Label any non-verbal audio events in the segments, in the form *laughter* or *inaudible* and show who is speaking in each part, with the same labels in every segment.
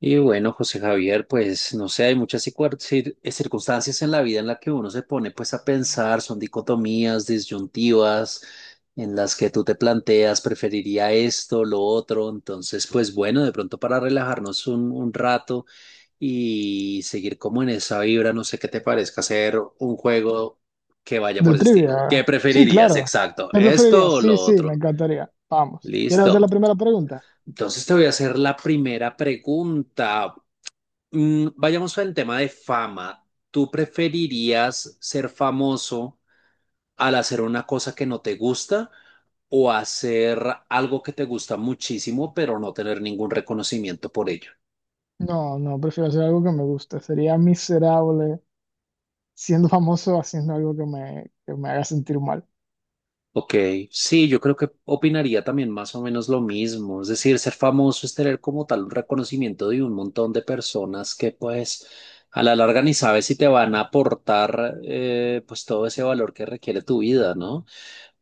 Speaker 1: Y bueno, José Javier, pues no sé, hay muchas circunstancias en la vida en la que uno se pone pues a pensar, son dicotomías, disyuntivas, en las que tú te planteas, preferiría esto, lo otro. Entonces pues bueno, de pronto para relajarnos un rato y seguir como en esa vibra, no sé qué te parezca hacer un juego que vaya
Speaker 2: De
Speaker 1: por ese estilo. ¿Qué
Speaker 2: trivia. Sí,
Speaker 1: preferirías?
Speaker 2: claro.
Speaker 1: Exacto,
Speaker 2: ¿Me preferiría?
Speaker 1: ¿esto o
Speaker 2: Sí,
Speaker 1: lo
Speaker 2: sí, me
Speaker 1: otro?
Speaker 2: encantaría. Vamos. ¿Quieres
Speaker 1: Listo.
Speaker 2: hacer la primera pregunta?
Speaker 1: Entonces te voy a hacer la primera pregunta. Vayamos al tema de fama. ¿Tú preferirías ser famoso al hacer una cosa que no te gusta, o hacer algo que te gusta muchísimo pero no tener ningún reconocimiento por ello?
Speaker 2: No, no, prefiero hacer algo que me guste. Sería miserable siendo famoso haciendo algo que me haga sentir mal.
Speaker 1: Ok, sí, yo creo que opinaría también más o menos lo mismo. Es decir, ser famoso es tener como tal un reconocimiento de un montón de personas que pues a la larga ni sabes si te van a aportar, pues todo ese valor que requiere tu vida, ¿no?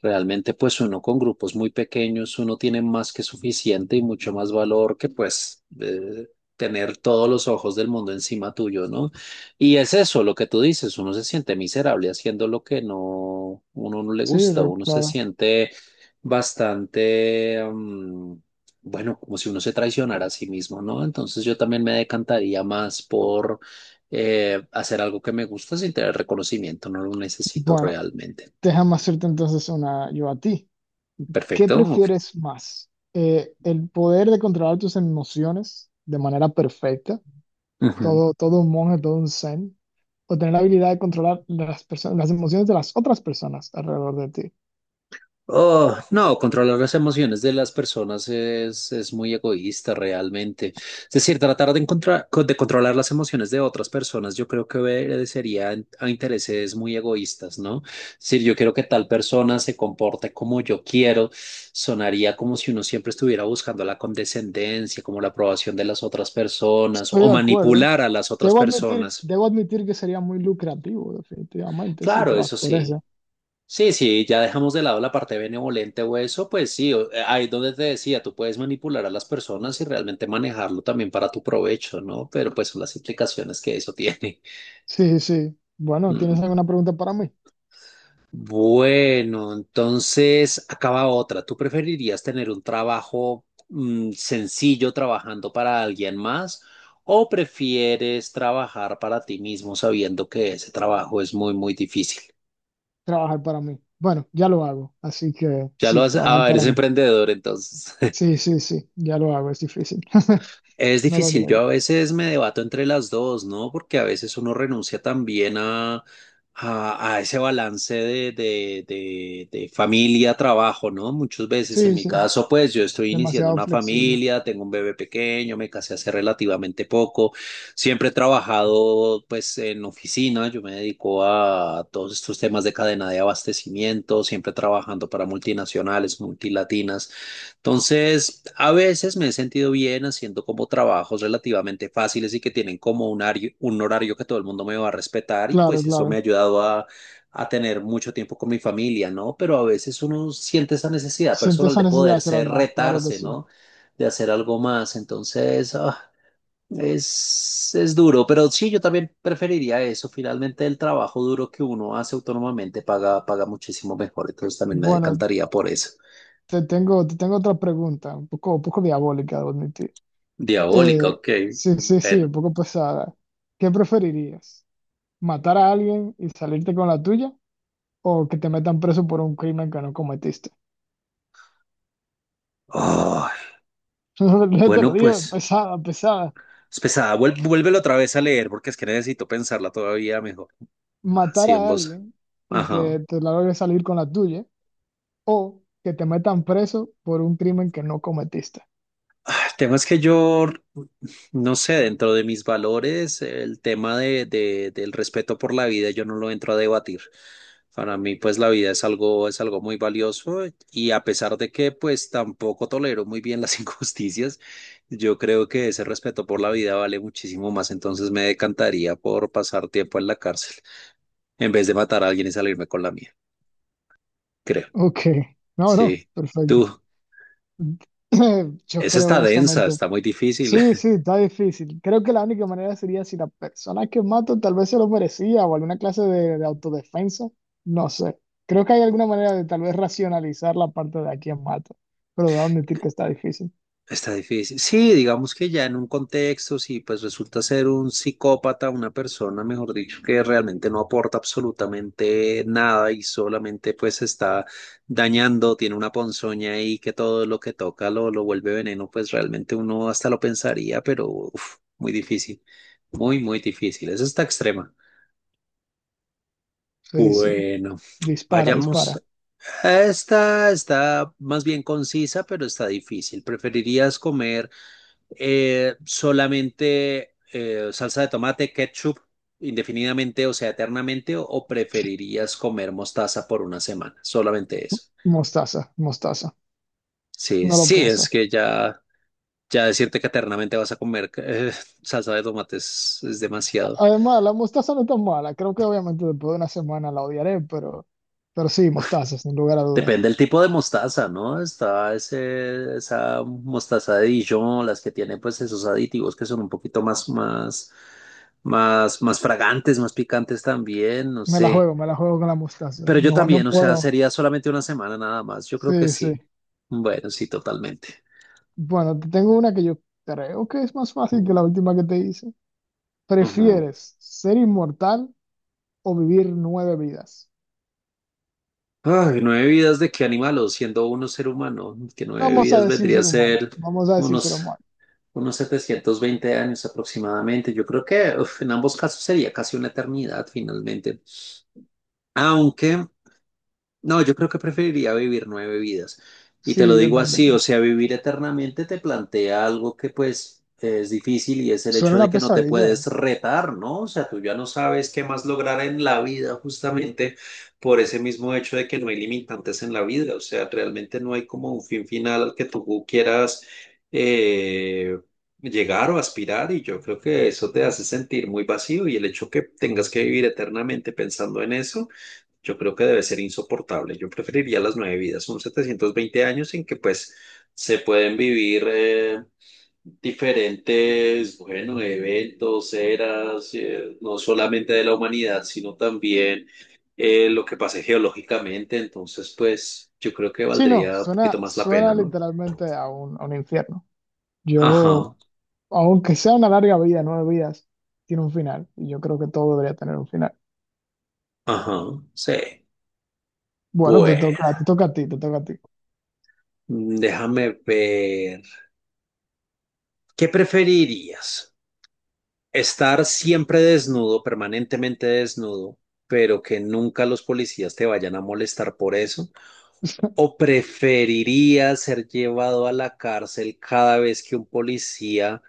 Speaker 1: Realmente, pues uno con grupos muy pequeños, uno tiene más que suficiente y mucho más valor que pues, tener todos los ojos del mundo encima tuyo, ¿no? Y es eso lo que tú dices, uno se siente miserable haciendo lo que no, uno no le gusta, uno se
Speaker 2: Claro.
Speaker 1: siente bastante, bueno, como si uno se traicionara a sí mismo, ¿no? Entonces yo también me decantaría más por, hacer algo que me gusta sin tener reconocimiento, no lo necesito
Speaker 2: Bueno,
Speaker 1: realmente.
Speaker 2: déjame hacerte entonces una yo a ti. ¿Qué
Speaker 1: Perfecto, ok.
Speaker 2: prefieres más? ¿El poder de controlar tus emociones de manera perfecta?
Speaker 1: Ujú.
Speaker 2: Todo un monje, todo un zen. ¿O tener la habilidad de controlar las personas, las emociones de las otras personas alrededor de ti?
Speaker 1: Oh, no, controlar las emociones de las personas es muy egoísta realmente. Es decir, tratar de encontrar, de controlar las emociones de otras personas, yo creo que obedecería a intereses muy egoístas, ¿no? Es decir, yo quiero que tal persona se comporte como yo quiero, sonaría como si uno siempre estuviera buscando la condescendencia, como la aprobación de las otras personas
Speaker 2: Estoy
Speaker 1: o
Speaker 2: de acuerdo.
Speaker 1: manipular a las otras
Speaker 2: Debo admitir,
Speaker 1: personas.
Speaker 2: debo admitir que sería muy lucrativo, definitivamente, si te
Speaker 1: Claro,
Speaker 2: vas
Speaker 1: eso
Speaker 2: por
Speaker 1: sí.
Speaker 2: eso.
Speaker 1: Sí, sí, ya dejamos de lado la parte benevolente o eso, pues sí, ahí donde te decía, tú puedes manipular a las personas y realmente manejarlo también para tu provecho, ¿no? Pero pues son las implicaciones que eso *laughs* tiene.
Speaker 2: Sí, sí. Bueno, ¿tienes
Speaker 1: Mm.
Speaker 2: alguna pregunta para mí?
Speaker 1: Bueno, entonces acaba otra. ¿Tú preferirías tener un trabajo, sencillo, trabajando para alguien más, o prefieres trabajar para ti mismo sabiendo que ese trabajo es muy, muy difícil?
Speaker 2: Trabajar para mí. Bueno, ya lo hago. Así que
Speaker 1: Ya lo
Speaker 2: sí,
Speaker 1: has,
Speaker 2: trabajar
Speaker 1: ah,
Speaker 2: para
Speaker 1: eres
Speaker 2: mí.
Speaker 1: emprendedor entonces.
Speaker 2: Sí, sí, sí. Ya lo hago. Es difícil. *laughs*
Speaker 1: Es
Speaker 2: No lo
Speaker 1: difícil, yo
Speaker 2: niego.
Speaker 1: a veces me debato entre las dos, ¿no? Porque a veces uno renuncia también a ese balance de familia, trabajo, ¿no? Muchas veces, en
Speaker 2: Sí,
Speaker 1: mi
Speaker 2: sí.
Speaker 1: caso, pues yo estoy iniciando
Speaker 2: Demasiado
Speaker 1: una
Speaker 2: flexible.
Speaker 1: familia, tengo un bebé pequeño, me casé hace relativamente poco, siempre he trabajado pues en oficina. Yo me dedico a todos estos temas de cadena de abastecimiento, siempre trabajando para multinacionales, multilatinas. Entonces, a veces me he sentido bien haciendo como trabajos relativamente fáciles y que tienen como un horario que todo el mundo me va a respetar, y
Speaker 2: Claro,
Speaker 1: pues eso me ha
Speaker 2: claro.
Speaker 1: ayudado a tener mucho tiempo con mi familia, ¿no? Pero a veces uno siente esa necesidad
Speaker 2: Siente
Speaker 1: personal
Speaker 2: esa
Speaker 1: de
Speaker 2: necesidad de hacer
Speaker 1: poderse
Speaker 2: al mar. Claro que
Speaker 1: retarse,
Speaker 2: sí.
Speaker 1: ¿no? De hacer algo más. Entonces, ah, es duro, pero sí, yo también preferiría eso. Finalmente, el trabajo duro que uno hace autónomamente paga, paga muchísimo mejor. Entonces, también me
Speaker 2: Bueno,
Speaker 1: decantaría por eso.
Speaker 2: te tengo otra pregunta. Un poco diabólica, debo admitir. Eh,
Speaker 1: Diabólica, ok.
Speaker 2: sí, sí, sí.
Speaker 1: Bueno,
Speaker 2: Un poco pesada. ¿Qué preferirías? Matar a alguien y salirte con la tuya, o que te metan preso por un crimen que no cometiste.
Speaker 1: ah,
Speaker 2: *laughs* Yo te lo
Speaker 1: bueno,
Speaker 2: digo,
Speaker 1: pues
Speaker 2: pesada, pesada.
Speaker 1: es pesada. Vuélvelo otra vez a leer porque es que necesito pensarla todavía mejor.
Speaker 2: Matar
Speaker 1: Así en
Speaker 2: a
Speaker 1: voz.
Speaker 2: alguien y
Speaker 1: Ajá.
Speaker 2: que te la logres salir con la tuya, o que te metan preso por un crimen que no cometiste.
Speaker 1: Ah, el tema es que yo, no sé, dentro de mis valores, el tema del respeto por la vida, yo no lo entro a debatir. Para mí, pues la vida es algo muy valioso, y a pesar de que pues tampoco tolero muy bien las *laughs* injusticias, yo creo que ese respeto por la vida vale muchísimo más. Entonces me decantaría por pasar tiempo en la cárcel en vez de matar a alguien y salirme con la mía, creo.
Speaker 2: Ok, no, no,
Speaker 1: Sí.
Speaker 2: perfecto.
Speaker 1: Tú,
Speaker 2: *clears throat* Yo
Speaker 1: Esa
Speaker 2: creo
Speaker 1: está densa,
Speaker 2: honestamente.
Speaker 1: está muy difícil.
Speaker 2: Sí, sí, está difícil. Creo que la única manera sería si la persona que mato tal vez se lo merecía o alguna clase de autodefensa. No sé. Creo que hay alguna manera de tal vez racionalizar la parte de a quién mato. Pero debo admitir que está difícil.
Speaker 1: Está difícil. Sí, digamos que ya en un contexto, si pues resulta ser un psicópata, una persona, mejor dicho, que realmente no aporta absolutamente nada y solamente pues está dañando, tiene una ponzoña ahí que todo lo que toca lo vuelve veneno. Pues realmente uno hasta lo pensaría, pero uf, muy difícil, muy, muy difícil. Eso está extrema.
Speaker 2: Sí, sí.
Speaker 1: Bueno,
Speaker 2: Dispara, dispara.
Speaker 1: vayamos. Esta está más bien concisa, pero está difícil. ¿Preferirías comer solamente, salsa de tomate, ketchup, indefinidamente, o sea, eternamente, o preferirías comer mostaza por una semana? Solamente eso.
Speaker 2: Mostaza, mostaza.
Speaker 1: Sí,
Speaker 2: No lo
Speaker 1: sí, es
Speaker 2: pienso.
Speaker 1: que ya decirte que eternamente vas a comer *laughs* salsa de tomate es demasiado.
Speaker 2: Además, la mostaza no es tan mala. Creo que obviamente después de una semana la odiaré, pero sí, mostaza, sin lugar a duda.
Speaker 1: Depende del tipo de mostaza, ¿no? Está ese, esa mostaza de Dijon, las que tienen pues esos aditivos que son un poquito más, más fragantes, más picantes también, no
Speaker 2: Me la
Speaker 1: sé.
Speaker 2: juego, me la juego con la mostaza.
Speaker 1: Pero yo
Speaker 2: No, no
Speaker 1: también, o sea,
Speaker 2: puedo.
Speaker 1: sería solamente una semana nada más. Yo creo que
Speaker 2: Sí, sí.
Speaker 1: sí. Bueno, sí, totalmente.
Speaker 2: Bueno, te tengo una que yo creo que es más fácil que la última que te hice.
Speaker 1: Ajá.
Speaker 2: ¿Prefieres ser inmortal o vivir nueve vidas?
Speaker 1: Ay, nueve vidas de qué animal, o siendo uno ser humano, que nueve
Speaker 2: Vamos a
Speaker 1: vidas
Speaker 2: decir
Speaker 1: vendría a
Speaker 2: ser humano.
Speaker 1: ser
Speaker 2: Vamos a decir ser
Speaker 1: unos,
Speaker 2: humano.
Speaker 1: unos 720 años aproximadamente. Yo creo que uf, en ambos casos sería casi una eternidad finalmente. Aunque no, yo creo que preferiría vivir nueve vidas. Y te lo
Speaker 2: Sí, yo
Speaker 1: digo
Speaker 2: también.
Speaker 1: así, o sea, vivir eternamente te plantea algo que pues es difícil, y es el
Speaker 2: Suena
Speaker 1: hecho de
Speaker 2: una
Speaker 1: que no te
Speaker 2: pesadilla, ¿eh?
Speaker 1: puedes retar, ¿no? O sea, tú ya no sabes qué más lograr en la vida justamente por ese mismo hecho de que no hay limitantes en la vida. O sea, realmente no hay como un fin final al que tú quieras, eh, llegar o aspirar. Y yo creo que eso te hace sentir muy vacío, y el hecho que tengas que vivir eternamente pensando en eso. Yo creo que debe ser insoportable. Yo preferiría las nueve vidas. Son 720 años en que pues se pueden vivir, diferentes, bueno, eventos, eras, no solamente de la humanidad, sino también, lo que pase geológicamente. Entonces, pues yo creo que
Speaker 2: Sí, no,
Speaker 1: valdría un poquito
Speaker 2: suena,
Speaker 1: más la
Speaker 2: suena
Speaker 1: pena, ¿no?
Speaker 2: literalmente a un infierno. Yo,
Speaker 1: Ajá,
Speaker 2: aunque sea una larga vida, nueve vidas, tiene un final. Y yo creo que todo debería tener un final.
Speaker 1: ajá, sí.
Speaker 2: Bueno, te toca,
Speaker 1: Bueno,
Speaker 2: te toca a ti, te toca a ti.
Speaker 1: déjame ver. ¿Qué preferirías? Estar siempre desnudo, permanentemente desnudo, pero que nunca los policías te vayan a molestar por eso, ¿o preferirías ser llevado a la cárcel cada vez que un policía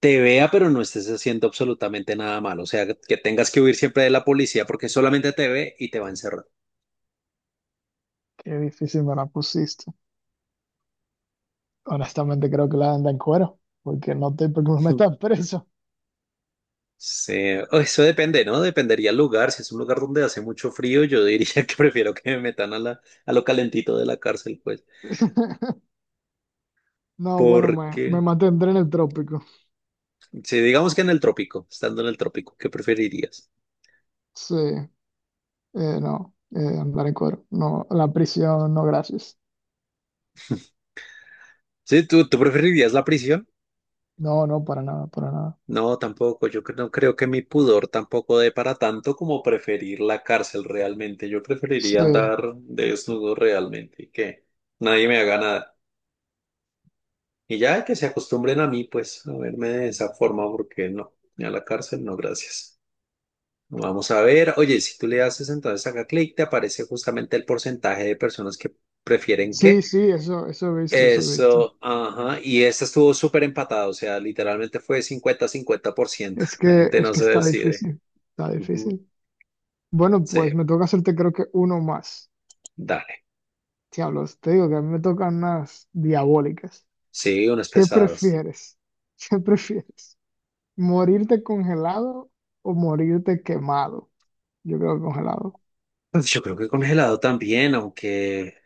Speaker 1: te vea, pero no estés haciendo absolutamente nada malo? O sea, que tengas que huir siempre de la policía porque solamente te ve y te va a encerrar.
Speaker 2: Qué difícil me la pusiste. Honestamente creo que la anda en cuero, porque no te porque me
Speaker 1: *laughs*
Speaker 2: estás preso.
Speaker 1: Sí, o eso depende, ¿no? Dependería el lugar. Si es un lugar donde hace mucho frío, yo diría *laughs* que prefiero que me metan a la, a lo calentito de la cárcel, pues.
Speaker 2: *laughs* No, bueno,
Speaker 1: Porque
Speaker 2: me mantendré en el trópico.
Speaker 1: sí, digamos que en el trópico, estando en el trópico, ¿qué preferirías?
Speaker 2: Sí, no, andar en cuero. No, la prisión, no, gracias.
Speaker 1: Sí, ¿tú preferirías la prisión?
Speaker 2: No, no, para nada, para nada.
Speaker 1: No, tampoco. Yo no creo que mi pudor tampoco dé para tanto como preferir la cárcel realmente. Yo
Speaker 2: Sí,
Speaker 1: preferiría andar desnudo realmente, y que nadie me haga nada. Y ya que se acostumbren a mí, pues, a verme de esa forma, porque no, ni a la cárcel, no, gracias. Vamos a ver. Oye, si tú le haces entonces acá clic, te aparece justamente el porcentaje de personas que prefieren qué.
Speaker 2: sí, sí, eso he visto, eso he visto.
Speaker 1: Eso, ajá, y esta estuvo súper empatado, o sea, literalmente fue 50-50%.
Speaker 2: Es que,
Speaker 1: La gente
Speaker 2: es
Speaker 1: no
Speaker 2: que
Speaker 1: se
Speaker 2: está
Speaker 1: decide.
Speaker 2: difícil, está
Speaker 1: Ujú.
Speaker 2: difícil. Bueno,
Speaker 1: Sí,
Speaker 2: pues me toca hacerte creo que uno más.
Speaker 1: dale.
Speaker 2: Diablos, te digo que a mí me tocan unas diabólicas.
Speaker 1: Sí, unas
Speaker 2: ¿Qué
Speaker 1: pesadas.
Speaker 2: prefieres? *laughs* ¿Qué prefieres? ¿Morirte congelado o morirte quemado? Yo creo que congelado.
Speaker 1: Pues yo creo que congelado también, aunque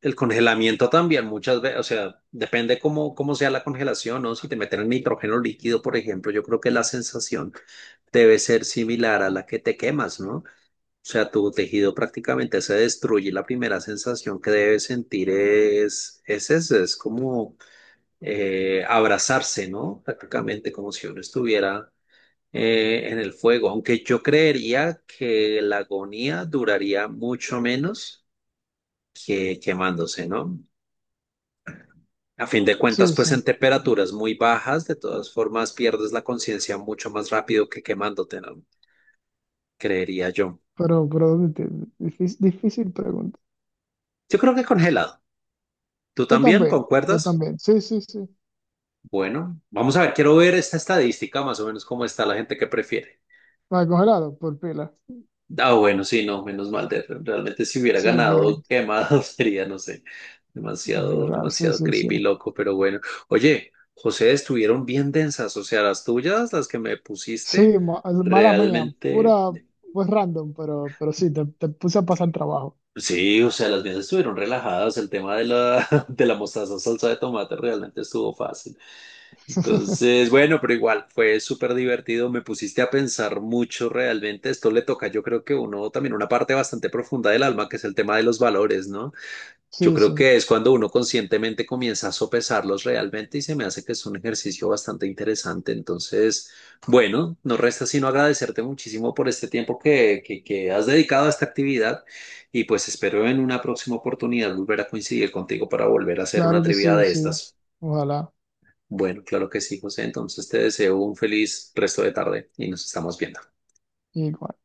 Speaker 1: el congelamiento también muchas veces, o sea, depende cómo, sea la congelación, ¿no? Si te meten el nitrógeno líquido, por ejemplo, yo creo que la sensación debe ser similar a la que te quemas, ¿no? Sea, tu tejido prácticamente se destruye. La primera sensación que debes sentir es eso, es como, abrazarse, ¿no? Prácticamente como si uno estuviera, en el fuego. Aunque yo creería que la agonía duraría mucho menos que quemándose, ¿no? A fin de
Speaker 2: Sí,
Speaker 1: cuentas, pues
Speaker 2: sí.
Speaker 1: en temperaturas muy bajas, de todas formas, pierdes la conciencia mucho más rápido que quemándote, ¿no? Creería yo.
Speaker 2: Pero, difícil, difícil pregunta.
Speaker 1: Yo creo que congelado. ¿Tú
Speaker 2: Yo
Speaker 1: también
Speaker 2: también, yo
Speaker 1: concuerdas?
Speaker 2: también. Sí, sí, sí.
Speaker 1: Bueno, vamos a ver, quiero ver esta estadística más o menos cómo está la gente que prefiere.
Speaker 2: Para congelado, por pila.
Speaker 1: Ah, bueno, sí, no, menos mal. Realmente si hubiera
Speaker 2: Sí, que.
Speaker 1: ganado quemado, *laughs* sería, no sé, demasiado,
Speaker 2: Sí,
Speaker 1: demasiado
Speaker 2: sí, sí.
Speaker 1: creepy, loco, pero bueno. Oye, José, estuvieron bien densas, o sea, las tuyas, las que me pusiste,
Speaker 2: Mala mía.
Speaker 1: realmente,
Speaker 2: Pura, pues random, pero sí, te puse a pasar trabajo.
Speaker 1: sí, o sea, las mías estuvieron relajadas. El tema de la, *laughs* de la mostaza, salsa de tomate realmente estuvo fácil.
Speaker 2: *laughs*
Speaker 1: Entonces, bueno, pero igual fue súper divertido, me pusiste a pensar mucho realmente. Esto le toca yo creo que uno también una parte bastante profunda del alma, que es el tema de los valores, ¿no? Yo
Speaker 2: Sí,
Speaker 1: creo
Speaker 2: sí.
Speaker 1: que es cuando uno conscientemente comienza a sopesarlos realmente, y se me hace que es un ejercicio bastante interesante. Entonces, bueno, no resta sino agradecerte muchísimo por este tiempo que has dedicado a esta actividad, y pues espero en una próxima oportunidad volver a coincidir contigo para volver a hacer una
Speaker 2: Claro que
Speaker 1: trivia
Speaker 2: sí,
Speaker 1: de
Speaker 2: sí.
Speaker 1: estas.
Speaker 2: Ojalá.
Speaker 1: Bueno, claro que sí, José. Entonces te deseo un feliz resto de tarde y nos estamos viendo.
Speaker 2: Igual.